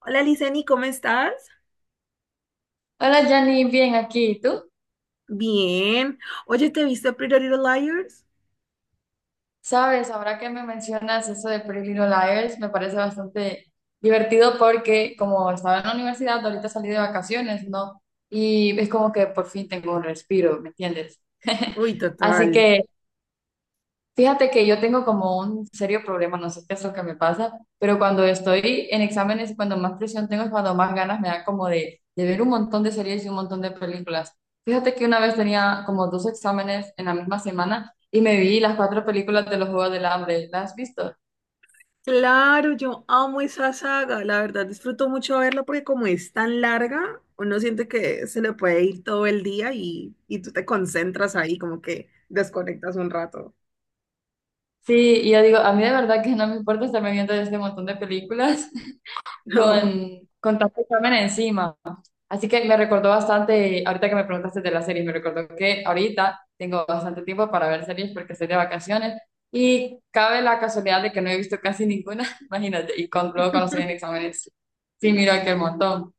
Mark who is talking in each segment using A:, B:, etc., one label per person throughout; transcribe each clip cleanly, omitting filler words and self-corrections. A: Hola, Liceni, ¿cómo estás?
B: Hola Jenny, bien aquí. ¿Y tú?
A: Bien. Oye, ¿te viste Pretty Little Liars?
B: Sabes, ahora que me mencionas eso de Pretty Little Liars, me parece bastante divertido porque como estaba en la universidad, ahorita salí de vacaciones, ¿no? Y es como que por fin tengo un respiro, ¿me entiendes?
A: Uy,
B: Así
A: total.
B: que. Fíjate que yo tengo como un serio problema, no sé qué es lo que me pasa, pero cuando estoy en exámenes, cuando más presión tengo es cuando más ganas me da como de ver un montón de series y un montón de películas. Fíjate que una vez tenía como dos exámenes en la misma semana y me vi las cuatro películas de los Juegos del Hambre. ¿Las has visto?
A: Claro, yo amo esa saga. La verdad, disfruto mucho verla porque como es tan larga, uno siente que se le puede ir todo el día y tú te concentras ahí, como que desconectas un rato.
B: Sí, y yo digo, a mí de verdad que no me importa estarme viendo este montón de películas
A: No.
B: con tanto examen encima. Así que me recordó bastante, ahorita que me preguntaste de las series, me recordó que ahorita tengo bastante tiempo para ver series porque estoy de vacaciones y cabe la casualidad de que no he visto casi ninguna, imagínate, y luego cuando estoy en exámenes, sí, miro aquel montón.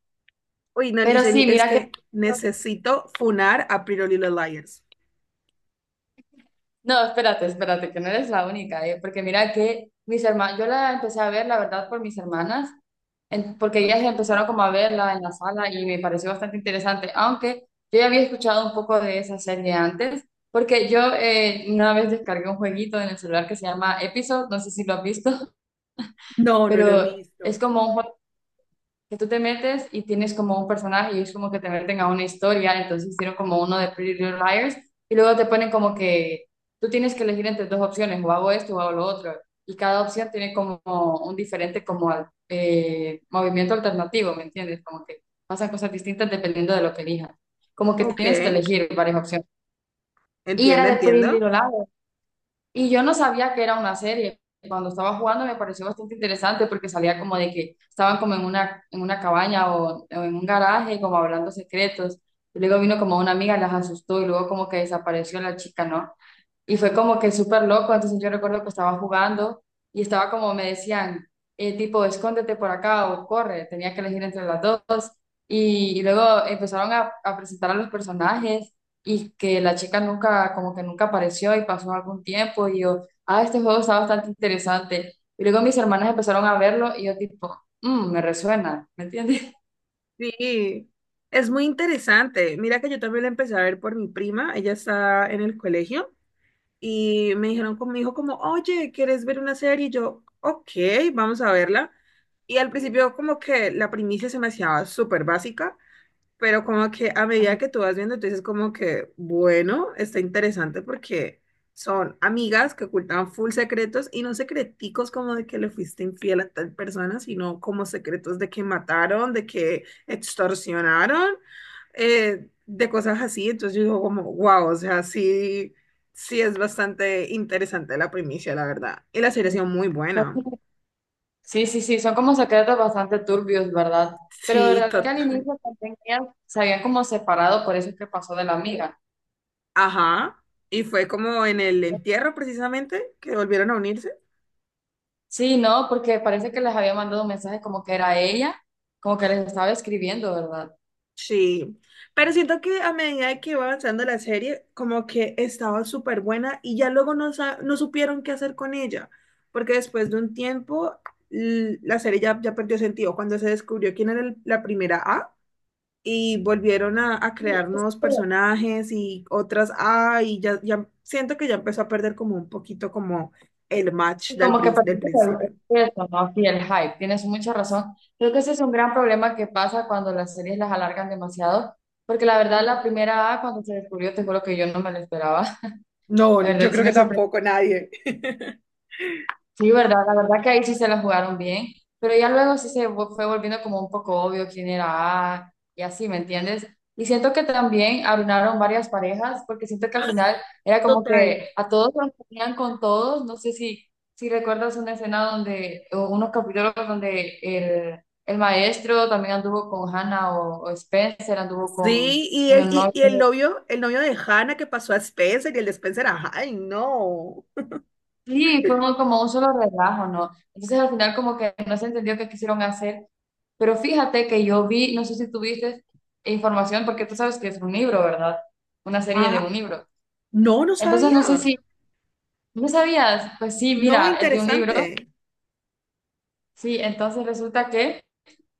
A: Uy, no,
B: Pero
A: Liceni,
B: sí,
A: es
B: mira que.
A: que necesito funar a Pretty Little Liars.
B: No, espérate, espérate, que no eres la única, porque mira que mis hermanas, yo la empecé a ver, la verdad, por mis hermanas. Porque ellas
A: Ok.
B: empezaron como a verla en la sala y me pareció bastante interesante, aunque yo ya había escuchado un poco de esa serie antes, porque yo una vez descargué un jueguito en el celular que se llama Episode, no sé si lo has visto.
A: No, no lo he
B: Pero es
A: visto.
B: como un juego que tú te metes y tienes como un personaje y es como que te meten a una historia, entonces hicieron como uno de Pretty Little Liars y luego te ponen como que tú tienes que elegir entre dos opciones, o hago esto o hago lo otro, y cada opción tiene como un diferente como movimiento alternativo, ¿me entiendes? Como que pasan cosas distintas dependiendo de lo que elijas, como que
A: Ok,
B: tienes que elegir varias opciones. Y era
A: entiendo,
B: de Pretty
A: entiendo.
B: Little Liars, y yo no sabía que era una serie. Cuando estaba jugando me pareció bastante interesante porque salía como de que estaban como en una cabaña o en un garaje como hablando secretos. Y luego vino como una amiga, las asustó y luego como que desapareció la chica, ¿no? Y fue como que súper loco, entonces yo recuerdo que estaba jugando y estaba como me decían, tipo, escóndete por acá o corre, tenía que elegir entre las dos. Y luego empezaron a presentar a los personajes y que la chica nunca, como que nunca apareció y pasó algún tiempo y yo, ah, este juego está bastante interesante. Y luego mis hermanas empezaron a verlo y yo tipo, "Mm, me resuena, ¿me entiendes?"
A: Sí, es muy interesante. Mira que yo también la empecé a ver por mi prima, ella está en el colegio y me dijeron conmigo como, oye, ¿quieres ver una serie? Y yo, ok, vamos a verla. Y al principio como que la primicia se me hacía súper básica. Pero como que a medida que tú vas viendo, tú dices como que, bueno, está interesante porque son amigas que ocultan full secretos y no secreticos como de que le fuiste infiel a tal persona, sino como secretos de que mataron, de que extorsionaron, de cosas así. Entonces yo digo como, wow, o sea, sí, sí es bastante interesante la primicia, la verdad. Y la serie ha sido muy buena.
B: Ajá. Sí, sí, sí, son como secretos bastante turbios, ¿verdad? Pero
A: Sí,
B: verdad que al
A: total.
B: inicio también ellas se habían como separado, por eso es que pasó de la amiga.
A: Ajá. Y fue como en el entierro precisamente que volvieron a unirse.
B: Sí, no, porque parece que les había mandado un mensaje como que era ella, como que les estaba escribiendo, ¿verdad?
A: Sí, pero siento que a medida de que iba avanzando la serie, como que estaba súper buena y ya luego no, no supieron qué hacer con ella, porque después de un tiempo la serie ya, ya perdió sentido cuando se descubrió quién era la primera A y volvieron a
B: Sí,
A: crear
B: es
A: nuevos
B: que.
A: personajes y otras A y ya, ya siento que ya empezó a perder como un poquito como el match del,
B: Como que parece
A: del
B: que es
A: principio.
B: eso, ¿no? Sí, el hype, tienes mucha razón. Creo que ese es un gran problema que pasa cuando las series las alargan demasiado, porque la verdad la primera A, cuando se descubrió, te juro que yo no me lo esperaba. La
A: No,
B: verdad
A: yo
B: sí
A: creo
B: me
A: que
B: sorprendió.
A: tampoco nadie.
B: Sí, verdad, la verdad que ahí sí se la jugaron bien, pero ya luego sí fue volviendo como un poco obvio quién era A y así, ¿me entiendes? Y siento que también arruinaron varias parejas, porque siento que al final era como
A: Total.
B: que a todos los ponían con todos, no sé si, si recuerdas una escena donde, o unos capítulos donde el maestro también anduvo con Hannah o Spencer, anduvo con,
A: Sí, y
B: con
A: el,
B: el novio.
A: y el novio de Hannah que pasó a Spencer y el de Spencer a Hyde, no.
B: Sí, fue muy como un solo relajo, ¿no? Entonces al final como que no se entendió qué quisieron hacer, pero fíjate que yo vi, no sé si tuviste información, porque tú sabes que es un libro, ¿verdad? Una serie de un
A: Ah,
B: libro.
A: no, no
B: Entonces no sé
A: sabía.
B: si, ¿no sabías? Pues sí,
A: No,
B: mira, es de un libro,
A: interesante.
B: sí, entonces resulta que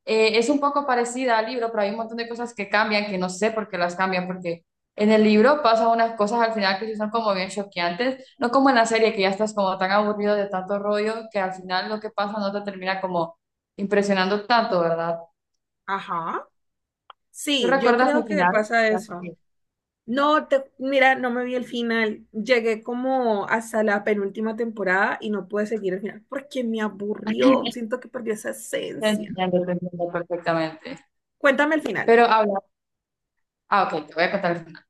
B: Es un poco parecida al libro, pero hay un montón de cosas que cambian, que no sé por qué las cambian, porque en el libro pasan unas cosas al final que sí son como bien choqueantes, no como en la serie, que ya estás como tan aburrido de tanto rollo, que al final lo que pasa no te termina como impresionando tanto, ¿verdad?
A: Ajá.
B: ¿Tú
A: Sí, yo
B: recuerdas
A: creo
B: el
A: que
B: final?
A: pasa eso.
B: Sí.
A: No, te, mira, no me vi el final. Llegué como hasta la penúltima temporada y no pude seguir el final porque me aburrió. Siento que perdió esa esencia.
B: Te entiendo perfectamente.
A: Cuéntame el final.
B: Pero habla, ah, ok, te voy a contar el final.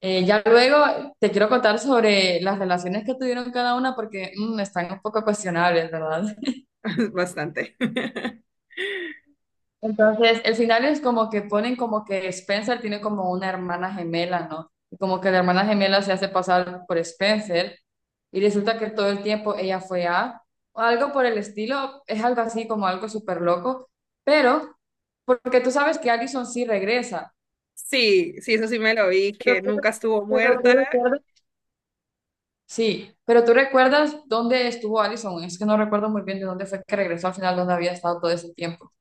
B: Ya luego te quiero contar sobre las relaciones que tuvieron cada una porque están un poco cuestionables, ¿verdad?
A: Bastante.
B: Entonces, el final es como que ponen como que Spencer tiene como una hermana gemela, ¿no? Y como que la hermana gemela se hace pasar por Spencer y resulta que todo el tiempo ella fue A, o algo por el estilo, es algo así como algo súper loco, pero porque tú sabes que Allison sí regresa.
A: Sí, sí, eso sí me lo vi,
B: Pero
A: que
B: tú,
A: nunca estuvo
B: pero tú
A: muerta.
B: recuerdas. Sí, pero tú recuerdas dónde estuvo Allison, es que no recuerdo muy bien de dónde fue que regresó al final, dónde había estado todo ese tiempo.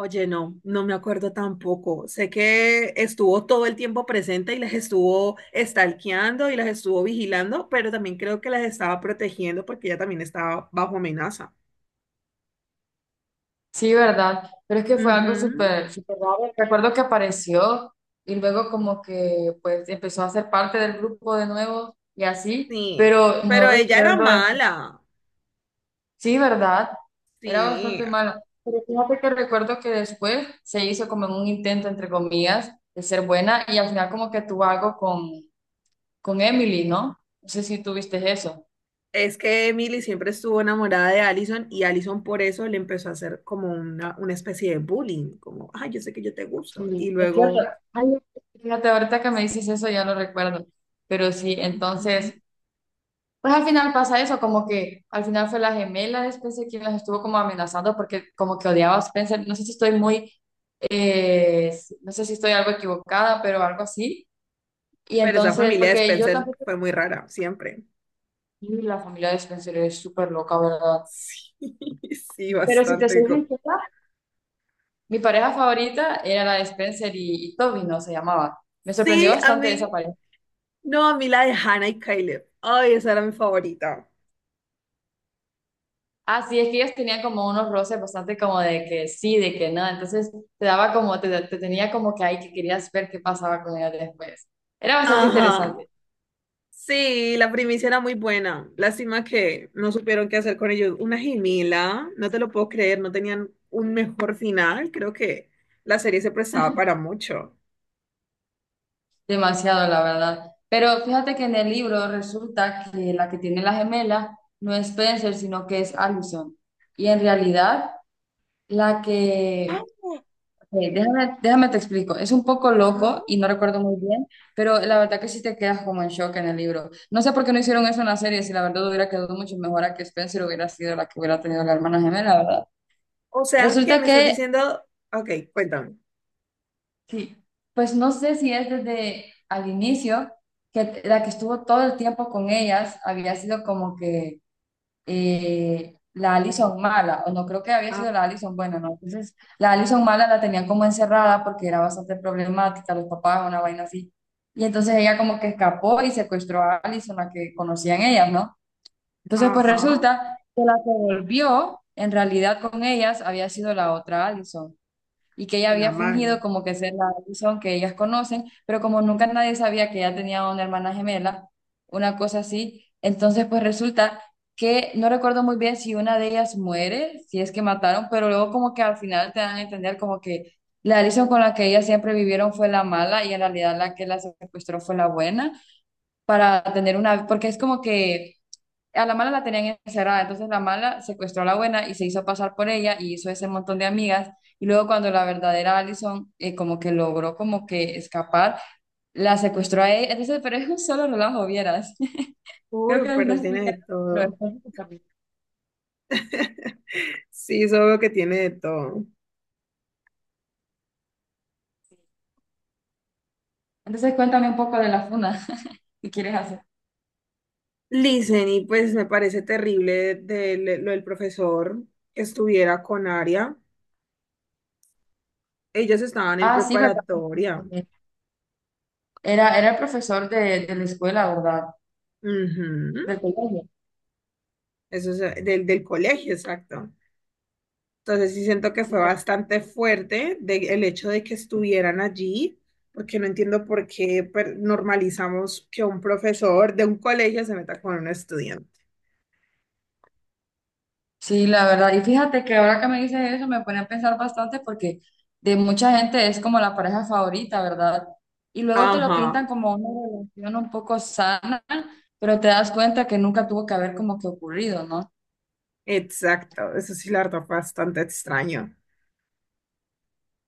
A: Oye, no, no me acuerdo tampoco. Sé que estuvo todo el tiempo presente y las estuvo stalkeando y las estuvo vigilando, pero también creo que las estaba protegiendo porque ella también estaba bajo amenaza.
B: Sí, ¿verdad? Pero es que fue algo
A: Ujú,
B: súper, súper raro. Recuerdo que apareció y luego como que pues empezó a ser parte del grupo de nuevo y así,
A: sí,
B: pero no
A: pero ella era
B: recuerdo
A: mala.
B: Sí, ¿verdad? Era
A: Sí,
B: bastante mala. Pero fíjate que recuerdo que después se hizo como en un intento, entre comillas, de ser buena y al final como que tuvo algo con Emily, ¿no? No sé si tuviste eso.
A: es que Emily siempre estuvo enamorada de Allison y Allison por eso le empezó a hacer como una especie de bullying, como, ay, yo sé que yo te gusto. Y
B: Sí, es cierto.
A: luego,
B: Ay, fíjate, ahorita que me dices eso ya lo recuerdo. Pero sí,
A: ujú.
B: entonces. Pues al final pasa eso, como que al final fue la gemela de Spencer quien las estuvo como amenazando porque como que odiaba a Spencer. No sé si estoy muy, eh, no sé si estoy algo equivocada, pero algo así. Y
A: Pero esa
B: entonces,
A: familia de
B: porque yo
A: Spencer
B: tampoco,
A: fue muy rara, siempre.
B: y la familia de Spencer es súper loca, ¿verdad?
A: Sí, sí,
B: Pero si te
A: bastante.
B: soy
A: Icó-
B: sincera, mi pareja favorita era la de Spencer y Toby, ¿no? Se llamaba. Me sorprendió
A: Sí, a
B: bastante esa
A: mí.
B: pareja.
A: No, a mí la de Hannah y Caleb. Ay, esa era mi favorita.
B: Ah, sí, es que ellos tenían como unos roces bastante como de que sí, de que no, entonces te daba como, te tenía como que ahí que querías ver qué pasaba con ellos después. Era bastante
A: Ajá.
B: interesante,
A: Sí, la primicia era muy buena. Lástima que no supieron qué hacer con ellos. Una gemela, no te lo puedo creer, no tenían un mejor final. Creo que la serie se prestaba para mucho.
B: demasiado la verdad. Pero fíjate que en el libro resulta que la que tiene la gemela no es Spencer, sino que es Allison. Y en realidad la
A: Ah.
B: que déjame, déjame te explico. Es un poco
A: Ajá.
B: loco y no recuerdo muy bien, pero la verdad que sí te quedas como en shock en el libro. No sé por qué no hicieron eso en la serie, si la verdad hubiera quedado mucho mejor a que Spencer hubiera sido la que hubiera tenido la hermana gemela, ¿verdad?
A: ¿O sea, que
B: Resulta
A: me estás
B: que,
A: diciendo? Ok, cuéntame.
B: sí, pues no sé si es desde al inicio, que la que estuvo todo el tiempo con ellas había sido como que la Allison mala, o no creo que había
A: Ah.
B: sido la Allison buena, ¿no? Entonces, la Allison mala la tenían como encerrada porque era bastante problemática, los papás, una vaina así. Y entonces ella como que escapó y secuestró a Allison, la que conocían ellas, ¿no? Entonces, pues
A: Ajá,
B: resulta que la que volvió, en realidad con ellas, había sido la otra Allison y que ella
A: la
B: había fingido
A: mala.
B: como que ser la Alison que ellas conocen, pero como nunca nadie sabía que ella tenía una hermana gemela, una cosa así, entonces pues resulta que no recuerdo muy bien si una de ellas muere, si es que mataron, pero luego como que al final te dan a entender como que la Alison con la que ellas siempre vivieron fue la mala y en realidad la que la secuestró fue la buena para tener una, porque es como que a la mala la tenían encerrada, entonces la mala secuestró a la buena y se hizo pasar por ella y hizo ese montón de amigas. Y luego cuando la verdadera Allison como que logró como que escapar, la secuestró a ella. Entonces, pero es un solo relajo, vieras. Creo
A: Uy,
B: que no
A: pero tiene
B: explica,
A: de
B: pero es
A: todo.
B: un capítulo.
A: Sí, solo que tiene de todo.
B: Entonces cuéntame un poco de la funa que quieres hacer.
A: Listen, y pues me parece terrible de lo del profesor que estuviera con Aria. Ellos estaban en
B: Ah, sí, ¿verdad?
A: preparatoria.
B: Era, era el profesor de la escuela, ¿verdad?
A: Ujú.
B: Del colegio.
A: Eso es del, del colegio, exacto. Entonces sí siento que
B: Sí,
A: fue bastante fuerte el hecho de que estuvieran allí, porque no entiendo por qué normalizamos que un profesor de un colegio se meta con un estudiante.
B: sí, la verdad. Y fíjate que ahora que me dices eso me pone a pensar bastante porque de mucha gente es como la pareja favorita, ¿verdad? Y luego te lo
A: Ajá,
B: pintan como una relación un poco sana, pero te das cuenta que nunca tuvo que haber como que ocurrido, ¿no?
A: exacto. Eso sí, la verdad, fue bastante extraño.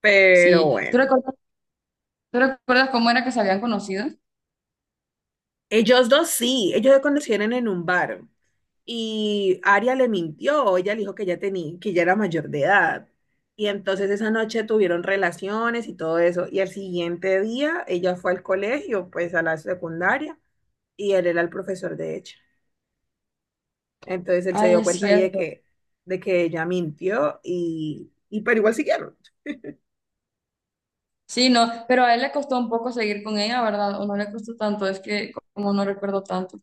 A: Pero
B: Sí.
A: bueno,
B: Tú recuerdas cómo era que se habían conocido?
A: ellos dos sí, ellos se conocieron en un bar y Aria le mintió, ella le dijo que ya tenía, que ya era mayor de edad. Y entonces esa noche tuvieron relaciones y todo eso. Y al siguiente día ella fue al colegio, pues a la secundaria, y él era el profesor de ella. Entonces él se
B: Ay,
A: dio
B: es
A: cuenta ahí
B: cierto.
A: de que ella mintió y pero igual siguieron.
B: Sí, no, pero a él le costó un poco seguir con ella, ¿verdad? O no le costó tanto, es que como no recuerdo tanto.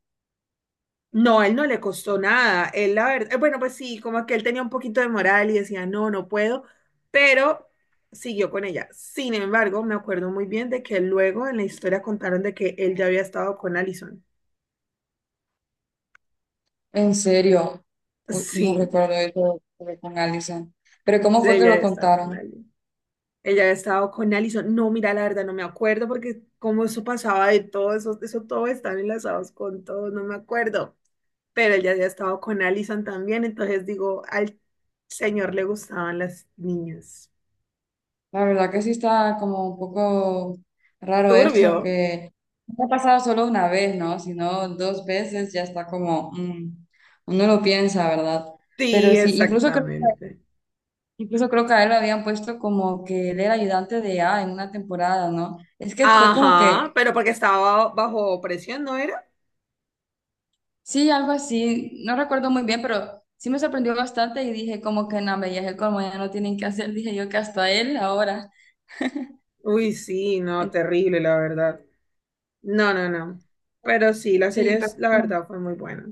A: No, a él no le costó nada. Él, la verdad, bueno, pues sí, como que él tenía un poquito de moral y decía, no, no puedo, pero siguió con ella. Sin embargo, me acuerdo muy bien de que luego en la historia contaron de que él ya había estado con Allison.
B: En serio, uy, no
A: Sí,
B: recuerdo eso de con Allison. Pero ¿cómo
A: sí,
B: fue que
A: ella
B: lo
A: había estado con
B: contaron?
A: Allison. Ella había estado con Allison. No, mira, la verdad, no me acuerdo porque como eso pasaba de todo, eso todo están enlazados con todo, no me acuerdo. Pero él ya había estado con Allison también, entonces digo, al señor le gustaban las niñas.
B: La verdad que sí está como un poco raro
A: Turbio.
B: eso, que no ha pasado solo una vez, ¿no? Sino dos veces ya está como, uno lo piensa, ¿verdad?
A: Sí,
B: Pero sí, incluso creo que,
A: exactamente.
B: incluso creo que a él lo habían puesto como que él era ayudante de A en una temporada, ¿no? Es que fue como
A: Ajá,
B: que,
A: pero porque estaba bajo presión, ¿no era?
B: sí, algo así, no recuerdo muy bien, pero sí me sorprendió bastante y dije como que no, me ya es el colmo, ya no tienen que hacer, dije yo que hasta él ahora.
A: Uy, sí, no,
B: Entonces,
A: terrible, la verdad. No, no, no. Pero sí, la
B: sí,
A: serie,
B: pero.
A: la verdad, fue muy buena.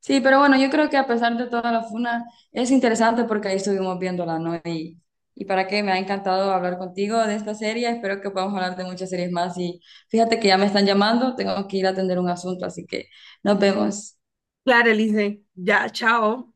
B: Sí, pero bueno, yo creo que a pesar de toda la funa, es interesante porque ahí estuvimos viéndola, ¿no? Y para qué, me ha encantado hablar contigo de esta serie, espero que podamos hablar de muchas series más y fíjate que ya me están llamando, tengo que ir a atender un asunto, así que nos vemos.
A: Claro, Elise, ya, chao.